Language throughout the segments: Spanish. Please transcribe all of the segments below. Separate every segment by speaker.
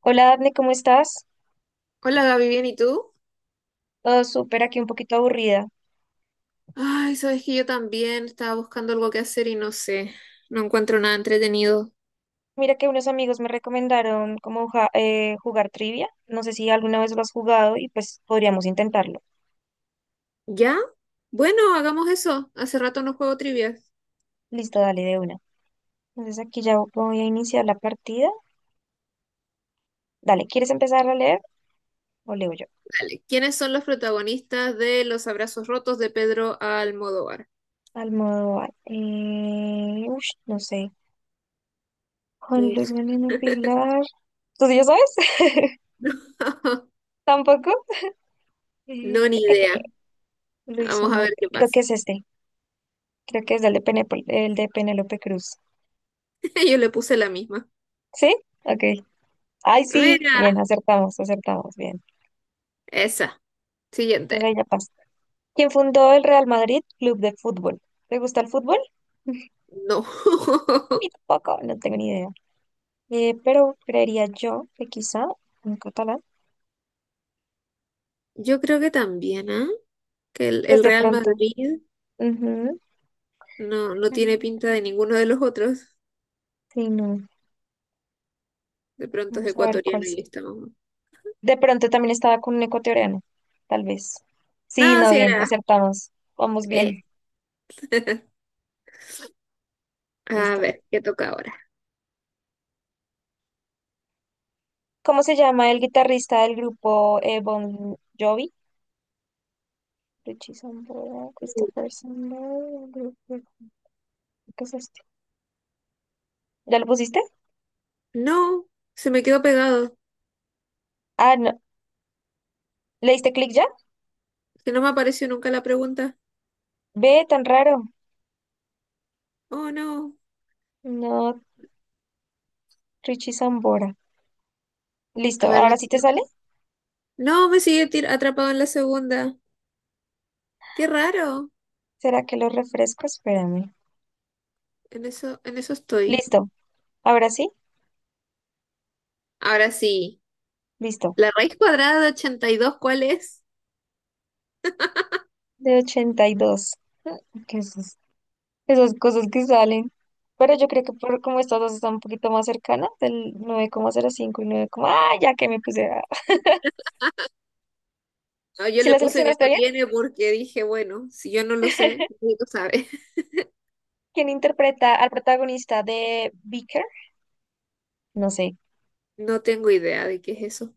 Speaker 1: Hola, Dafne, ¿cómo estás?
Speaker 2: Hola Gaby, ¿bien y tú?
Speaker 1: Todo súper, aquí un poquito aburrida.
Speaker 2: Ay, sabes que yo también estaba buscando algo que hacer y no sé, no encuentro nada entretenido.
Speaker 1: Mira que unos amigos me recomendaron como jugar trivia. No sé si alguna vez lo has jugado y pues podríamos intentarlo.
Speaker 2: ¿Ya? Bueno, hagamos eso. Hace rato no juego trivia.
Speaker 1: Listo, dale de una. Entonces aquí ya voy a iniciar la partida. Dale, ¿quieres empezar a leer o leo yo?
Speaker 2: Dale, ¿quiénes son los protagonistas de Los Abrazos Rotos de Pedro Almodóvar?
Speaker 1: Almodóvar. No sé. Juan Luis
Speaker 2: Uf,
Speaker 1: Galeno Pilar. ¿Tú sí ya sabes? ¿Tampoco?
Speaker 2: no,
Speaker 1: Eh,
Speaker 2: ni idea.
Speaker 1: eh, Luis
Speaker 2: Vamos a
Speaker 1: Omar.
Speaker 2: ver qué
Speaker 1: Creo que
Speaker 2: pasa.
Speaker 1: es este. Creo que es el de Penélope Cruz.
Speaker 2: Yo le puse la misma.
Speaker 1: ¿Sí? Ok. Ay, sí,
Speaker 2: Mira,
Speaker 1: bien, acertamos, acertamos, bien.
Speaker 2: esa.
Speaker 1: Desde
Speaker 2: Siguiente.
Speaker 1: ahí ya pasa. ¿Quién fundó el Real Madrid Club de Fútbol? ¿Te gusta el fútbol?
Speaker 2: No.
Speaker 1: A mí tampoco, no tengo ni idea. Pero creería yo que quizá en catalán,
Speaker 2: Yo creo que también, ¿ah? Que el,
Speaker 1: pues
Speaker 2: el
Speaker 1: de
Speaker 2: Real
Speaker 1: pronto.
Speaker 2: Madrid
Speaker 1: Ujú.
Speaker 2: no, no tiene
Speaker 1: Mm,
Speaker 2: pinta de ninguno de los otros.
Speaker 1: sí, no.
Speaker 2: De pronto es
Speaker 1: Vamos a ver cuál
Speaker 2: ecuatoriano
Speaker 1: es.
Speaker 2: y estamos.
Speaker 1: De pronto también estaba con un ecuatoriano, tal vez. Sí,
Speaker 2: No,
Speaker 1: no,
Speaker 2: si
Speaker 1: bien,
Speaker 2: era
Speaker 1: acertamos. Vamos
Speaker 2: esto.
Speaker 1: bien,
Speaker 2: A
Speaker 1: listo.
Speaker 2: ver, ¿qué toca ahora?
Speaker 1: ¿Cómo se llama el guitarrista del grupo Bon Jovi? Richie Sambora, Christopher Sambora, ¿qué es esto? ¿Ya lo pusiste?
Speaker 2: No, se me quedó pegado.
Speaker 1: Ah, no. ¿Le diste clic ya?
Speaker 2: Que no me apareció nunca la pregunta.
Speaker 1: Ve, tan raro.
Speaker 2: Oh, no.
Speaker 1: No, Richie Sambora. Listo,
Speaker 2: A ver, la
Speaker 1: ¿ahora sí te sale?
Speaker 2: siguiente. No, me sigue tir- atrapado en la segunda. Qué raro.
Speaker 1: ¿Será que lo refresco? Espérame.
Speaker 2: En eso estoy.
Speaker 1: Listo, ahora sí,
Speaker 2: Ahora sí.
Speaker 1: listo.
Speaker 2: ¿La raíz cuadrada de 82 cuál es?
Speaker 1: De 82. ¿Qué es eso? Esas cosas que salen. Pero yo creo que por como estas dos están un poquito más cercanas, del 9,05 y 9, ya que me puse a...
Speaker 2: No, yo
Speaker 1: Si
Speaker 2: le
Speaker 1: la
Speaker 2: puse que
Speaker 1: seleccionaste
Speaker 2: no
Speaker 1: bien,
Speaker 2: tiene porque dije, bueno, si yo no lo sé, nadie lo sabe.
Speaker 1: ¿quién interpreta al protagonista de Beaker? No sé.
Speaker 2: No tengo idea de qué es eso.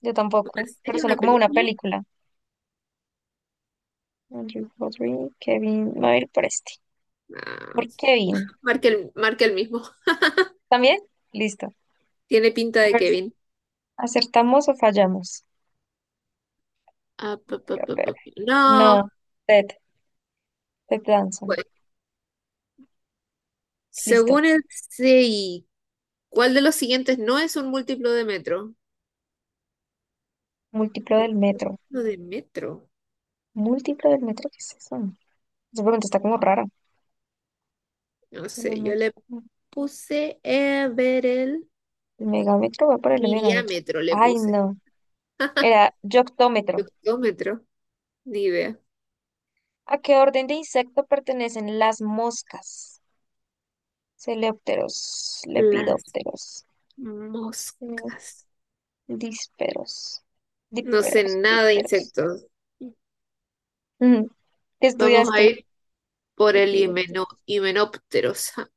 Speaker 1: Yo
Speaker 2: ¿Una
Speaker 1: tampoco, pero
Speaker 2: serie,
Speaker 1: suena
Speaker 2: una
Speaker 1: como una
Speaker 2: película?
Speaker 1: película. Andrew Rodri, Kevin, me voy a ir por este.
Speaker 2: No.
Speaker 1: Por Kevin.
Speaker 2: Marque el mismo.
Speaker 1: ¿También? Listo.
Speaker 2: Tiene pinta
Speaker 1: A
Speaker 2: de
Speaker 1: ver,
Speaker 2: Kevin.
Speaker 1: ¿acertamos o fallamos?
Speaker 2: Ah, pa, pa,
Speaker 1: A
Speaker 2: pa,
Speaker 1: ver.
Speaker 2: pa, pa. No,
Speaker 1: No, Ted, Ted Danson.
Speaker 2: pues,
Speaker 1: Listo.
Speaker 2: según el CI, ¿cuál de los siguientes no es un múltiplo de metro?
Speaker 1: Múltiplo
Speaker 2: Un
Speaker 1: del metro.
Speaker 2: múltiplo de metro.
Speaker 1: ¿Múltiplo del metro? ¿Qué es eso? Esa pregunta está como rara.
Speaker 2: No
Speaker 1: El
Speaker 2: sé, yo
Speaker 1: metro.
Speaker 2: le puse a ver el
Speaker 1: El megámetro, voy por el megámetro.
Speaker 2: miriámetro, le
Speaker 1: Ay,
Speaker 2: puse.
Speaker 1: no. Era yoctómetro.
Speaker 2: Octómetro, ni idea.
Speaker 1: ¿A qué orden de insecto pertenecen las moscas? Coleópteros,
Speaker 2: Las
Speaker 1: lepidópteros.
Speaker 2: moscas.
Speaker 1: Dísperos.
Speaker 2: No sé
Speaker 1: Dísperos,
Speaker 2: nada de
Speaker 1: dísperos.
Speaker 2: insectos.
Speaker 1: Ujú. ¿Qué
Speaker 2: Vamos a
Speaker 1: estudiaste?
Speaker 2: ir por el
Speaker 1: Epidepto-
Speaker 2: himenópteros. Ja,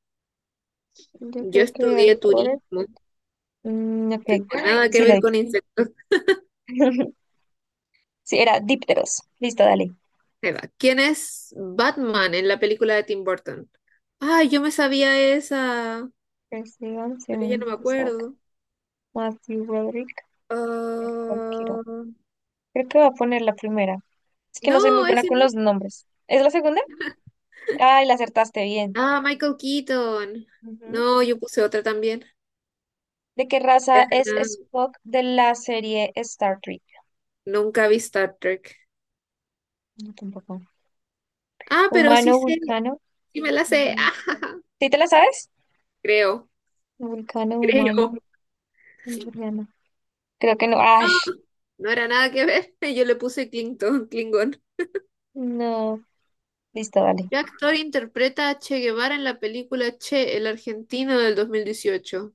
Speaker 1: Yo
Speaker 2: yo
Speaker 1: creo que hay
Speaker 2: estudié
Speaker 1: por...
Speaker 2: turismo, no
Speaker 1: Mm, ok.
Speaker 2: tengo
Speaker 1: Ay,
Speaker 2: nada que
Speaker 1: sí, la
Speaker 2: ver
Speaker 1: vi.
Speaker 2: con insectos.
Speaker 1: Sí, era dípteros. Listo, dale.
Speaker 2: Se va. ¿Quién es Batman en la película de Tim Burton? Ay, yo me sabía esa,
Speaker 1: Persigan,
Speaker 2: pero ya no
Speaker 1: Sean
Speaker 2: me
Speaker 1: Cusack,
Speaker 2: acuerdo.
Speaker 1: Matthew Broderick, Nicole Kidman.
Speaker 2: Ah,
Speaker 1: Creo que voy a poner la primera. Es que no soy muy
Speaker 2: no,
Speaker 1: buena
Speaker 2: ese
Speaker 1: con
Speaker 2: no.
Speaker 1: los nombres. ¿Es la segunda? Ay, la acertaste bien.
Speaker 2: Ah, Michael Keaton.
Speaker 1: Ujú.
Speaker 2: No, yo puse otra también.
Speaker 1: ¿De qué raza es
Speaker 2: Ah,
Speaker 1: Spock de la serie Star Trek?
Speaker 2: nunca vi Star Trek.
Speaker 1: No, tampoco.
Speaker 2: Ah, pero sí
Speaker 1: Humano,
Speaker 2: sé,
Speaker 1: vulcano.
Speaker 2: sí me la sé.
Speaker 1: Ujú. ¿Sí te la sabes?
Speaker 2: Creo,
Speaker 1: Vulcano, humano,
Speaker 2: creo.
Speaker 1: andoriano. Creo que no. ¡Ash!
Speaker 2: No, no era nada que ver. Yo le puse Clinton, Klingon.
Speaker 1: No. Listo, dale.
Speaker 2: ¿Qué actor interpreta a Che Guevara en la película Che, el argentino del 2018?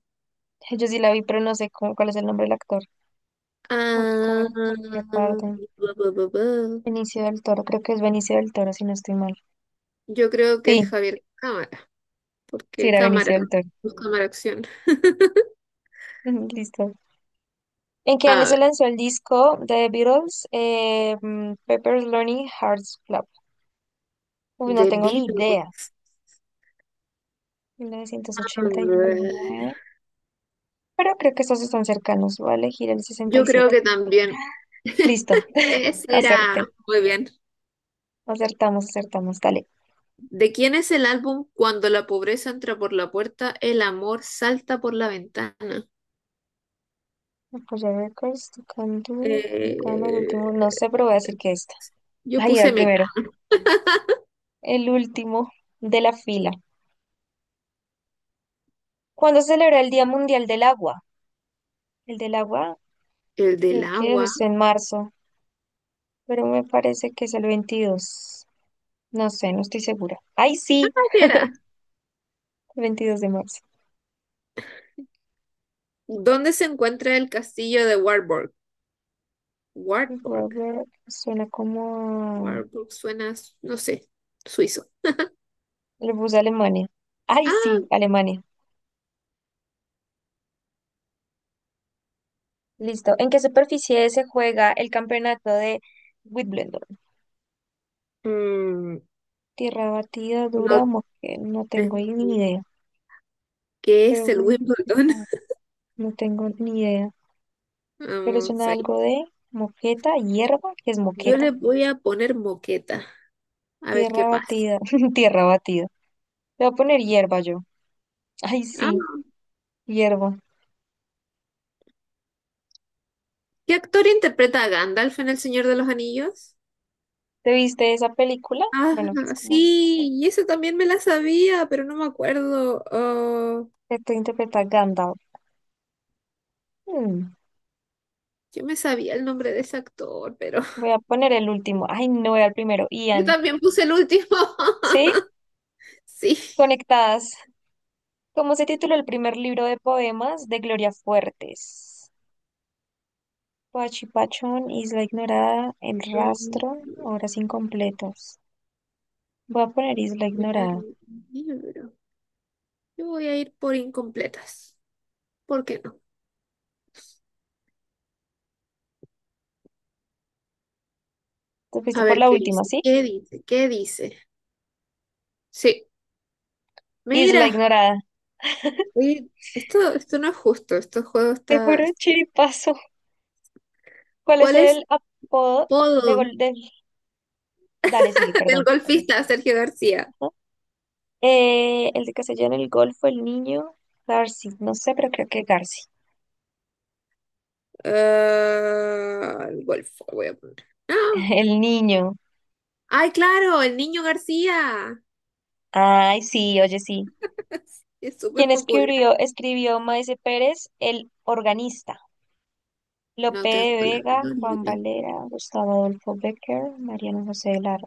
Speaker 1: Yo sí la vi, pero no sé cuál es el nombre del actor.
Speaker 2: Ah,
Speaker 1: Almodóvar, Javier Bardem,
Speaker 2: bu, bu, bu, bu.
Speaker 1: Benicio del Toro. Creo que es Benicio del Toro, si no estoy mal.
Speaker 2: Yo creo que es
Speaker 1: Sí,
Speaker 2: Javier Cámara,
Speaker 1: sí
Speaker 2: porque
Speaker 1: era
Speaker 2: cámara,
Speaker 1: Benicio del Toro.
Speaker 2: no cámara acción.
Speaker 1: Listo. ¿En qué
Speaker 2: A
Speaker 1: año se
Speaker 2: ver,
Speaker 1: lanzó el disco de The Beatles? Pepper's Lonely Hearts Club. Uy, no
Speaker 2: de
Speaker 1: tengo ni idea.
Speaker 2: Beatles.
Speaker 1: Mil novecientos
Speaker 2: A
Speaker 1: ochenta y
Speaker 2: ver,
Speaker 1: nueve. Pero creo que estos están cercanos. Voy a elegir el sesenta
Speaker 2: yo
Speaker 1: y
Speaker 2: creo
Speaker 1: siete.
Speaker 2: que también.
Speaker 1: Listo,
Speaker 2: Ese era.
Speaker 1: acerté.
Speaker 2: Muy bien.
Speaker 1: Acertamos, acertamos, dale.
Speaker 2: ¿De quién es el álbum Cuando la pobreza entra por la puerta, el amor salta por la ventana?
Speaker 1: Apoyar récords, tocando, tocando el
Speaker 2: Eh,
Speaker 1: último. No sé, pero voy a decir que esta.
Speaker 2: yo
Speaker 1: Ahí era el
Speaker 2: puse Meca.
Speaker 1: primero. El último de la fila. ¿Cuándo se celebra el Día Mundial del Agua? El del agua,
Speaker 2: El
Speaker 1: creo
Speaker 2: del
Speaker 1: que
Speaker 2: agua.
Speaker 1: es en marzo, pero me parece que es el 22. No sé, no estoy segura. ¡Ay, sí!
Speaker 2: ¿Qué era?
Speaker 1: El 22 de marzo.
Speaker 2: ¿Dónde se encuentra el castillo de Wartburg?
Speaker 1: Voy a
Speaker 2: Wartburg.
Speaker 1: ver, suena como...
Speaker 2: Warburg suena, no sé, suizo.
Speaker 1: a- Le puse Alemania. ¡Ay, sí!
Speaker 2: Ah,
Speaker 1: Alemania. Listo. ¿En qué superficie se juega el campeonato de Wimbledon?
Speaker 2: mm,
Speaker 1: Tierra batida,
Speaker 2: no
Speaker 1: Duramos, que no tengo
Speaker 2: tengo
Speaker 1: ahí ni
Speaker 2: ni-
Speaker 1: idea,
Speaker 2: ¿Qué es
Speaker 1: pero
Speaker 2: el Wimbledon?
Speaker 1: ah, no tengo ni idea. Pero
Speaker 2: Vamos
Speaker 1: suena
Speaker 2: ahí.
Speaker 1: algo de moqueta, hierba, que es
Speaker 2: Yo le
Speaker 1: moqueta.
Speaker 2: voy a poner moqueta, a ver qué
Speaker 1: Tierra
Speaker 2: pasa.
Speaker 1: batida, tierra batida. Te voy a poner hierba yo. Ay,
Speaker 2: Ah,
Speaker 1: sí, hierba.
Speaker 2: ¿qué actor interpreta a Gandalf en El Señor de los Anillos?
Speaker 1: ¿Te viste esa película?
Speaker 2: Ah,
Speaker 1: Bueno, que es como
Speaker 2: sí, y eso también me la sabía, pero no me acuerdo. Oh,
Speaker 1: esto interpreta Gandalf. Mm,
Speaker 2: yo me sabía el nombre de ese actor, pero
Speaker 1: Voy a poner el último. Ay, no era el primero.
Speaker 2: yo
Speaker 1: Ian.
Speaker 2: también puse el último.
Speaker 1: ¿Sí?
Speaker 2: Sí.
Speaker 1: Conectadas. ¿Cómo se tituló el primer libro de poemas de Gloria Fuertes? Pachipachón, Isla Ignorada, El
Speaker 2: Mm,
Speaker 1: Rastro, Horas Incompletas. Voy a poner Isla
Speaker 2: primer
Speaker 1: Ignorada.
Speaker 2: libro. Yo voy a ir por incompletas. ¿Por qué no?
Speaker 1: Te fuiste
Speaker 2: A
Speaker 1: por
Speaker 2: ver
Speaker 1: la
Speaker 2: qué
Speaker 1: última,
Speaker 2: dice.
Speaker 1: ¿sí?
Speaker 2: ¿Qué dice? ¿Qué dice? Sí.
Speaker 1: Isla
Speaker 2: Mira,
Speaker 1: Ignorada.
Speaker 2: oye, esto no es justo. Este juego
Speaker 1: Te puro
Speaker 2: está-
Speaker 1: chiripazo. ¿Cuál es
Speaker 2: ¿Cuál es
Speaker 1: el apodo de
Speaker 2: todo
Speaker 1: gol del... Dale, sigue,
Speaker 2: del
Speaker 1: perdón.
Speaker 2: golfista Sergio García?
Speaker 1: Ajá. El de Castellano, el Golfo, el Niño, Garci. No sé, pero creo que Garci.
Speaker 2: Ah, el golf, voy a poner. ¡Ah!
Speaker 1: El Niño.
Speaker 2: ¡Ay, claro! El niño García.
Speaker 1: Ay, sí, oye, sí.
Speaker 2: Es súper
Speaker 1: ¿Quién
Speaker 2: popular.
Speaker 1: escribió Maese Pérez, el organista?
Speaker 2: No
Speaker 1: Lope
Speaker 2: tengo
Speaker 1: de
Speaker 2: la
Speaker 1: Vega,
Speaker 2: menor
Speaker 1: Juan
Speaker 2: idea.
Speaker 1: Valera, Gustavo Adolfo Becker, Mariano José de Lara.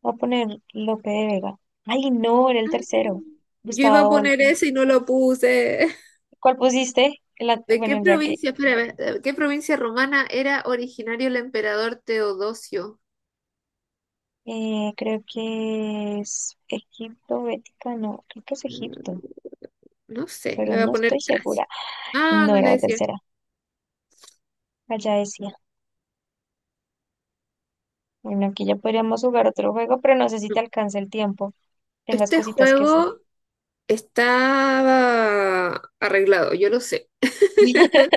Speaker 1: Voy a poner Lope de Vega. Ay, no, era el
Speaker 2: Ah,
Speaker 1: tercero.
Speaker 2: yo
Speaker 1: Gustavo
Speaker 2: iba a poner
Speaker 1: Adolfo.
Speaker 2: eso y no lo puse.
Speaker 1: ¿Cuál pusiste? El an-
Speaker 2: ¿De qué
Speaker 1: bueno, ya que
Speaker 2: provincia, espera, ve- de qué provincia romana era originario el emperador Teodosio?
Speaker 1: creo que es Egipto, Bética, no, creo que es
Speaker 2: Mm,
Speaker 1: Egipto,
Speaker 2: no sé, le
Speaker 1: pero
Speaker 2: voy a
Speaker 1: no estoy
Speaker 2: poner Tracia.
Speaker 1: segura.
Speaker 2: Ah,
Speaker 1: No era la
Speaker 2: Galacia.
Speaker 1: tercera, allá decía. Bueno, aquí ya podríamos jugar otro juego, pero no sé si te
Speaker 2: No.
Speaker 1: alcanza el tiempo. Tengas
Speaker 2: Este
Speaker 1: cositas que hacer.
Speaker 2: juego estaba arreglado, yo lo sé.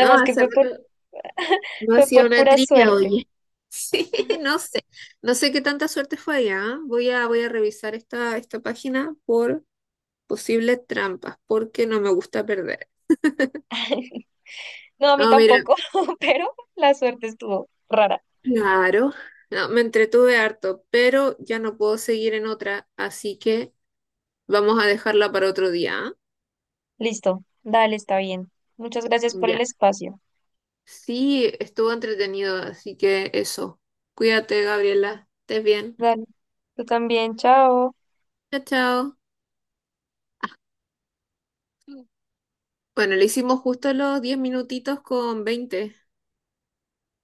Speaker 2: No,
Speaker 1: que
Speaker 2: hace
Speaker 1: fue por,
Speaker 2: rato no
Speaker 1: fue
Speaker 2: hacía
Speaker 1: por
Speaker 2: una
Speaker 1: pura
Speaker 2: trilla,
Speaker 1: suerte.
Speaker 2: oye. Sí, no sé. No sé qué tanta suerte fue allá. ¿Ah? Voy a revisar esta página por posibles trampas, porque no me gusta perder.
Speaker 1: No, a mí
Speaker 2: No, mira,
Speaker 1: tampoco, pero la suerte estuvo rara.
Speaker 2: claro, no, me entretuve harto, pero ya no puedo seguir en otra, así que vamos a dejarla para otro día. ¿Ah?
Speaker 1: Listo, dale, está bien. Muchas gracias por el
Speaker 2: Ya.
Speaker 1: espacio.
Speaker 2: Sí, estuvo entretenido, así que eso. Cuídate, Gabriela. Estés bien.
Speaker 1: Dale, tú también, chao.
Speaker 2: Chao, chao. Bueno, le hicimos justo los 10 minutitos con 20.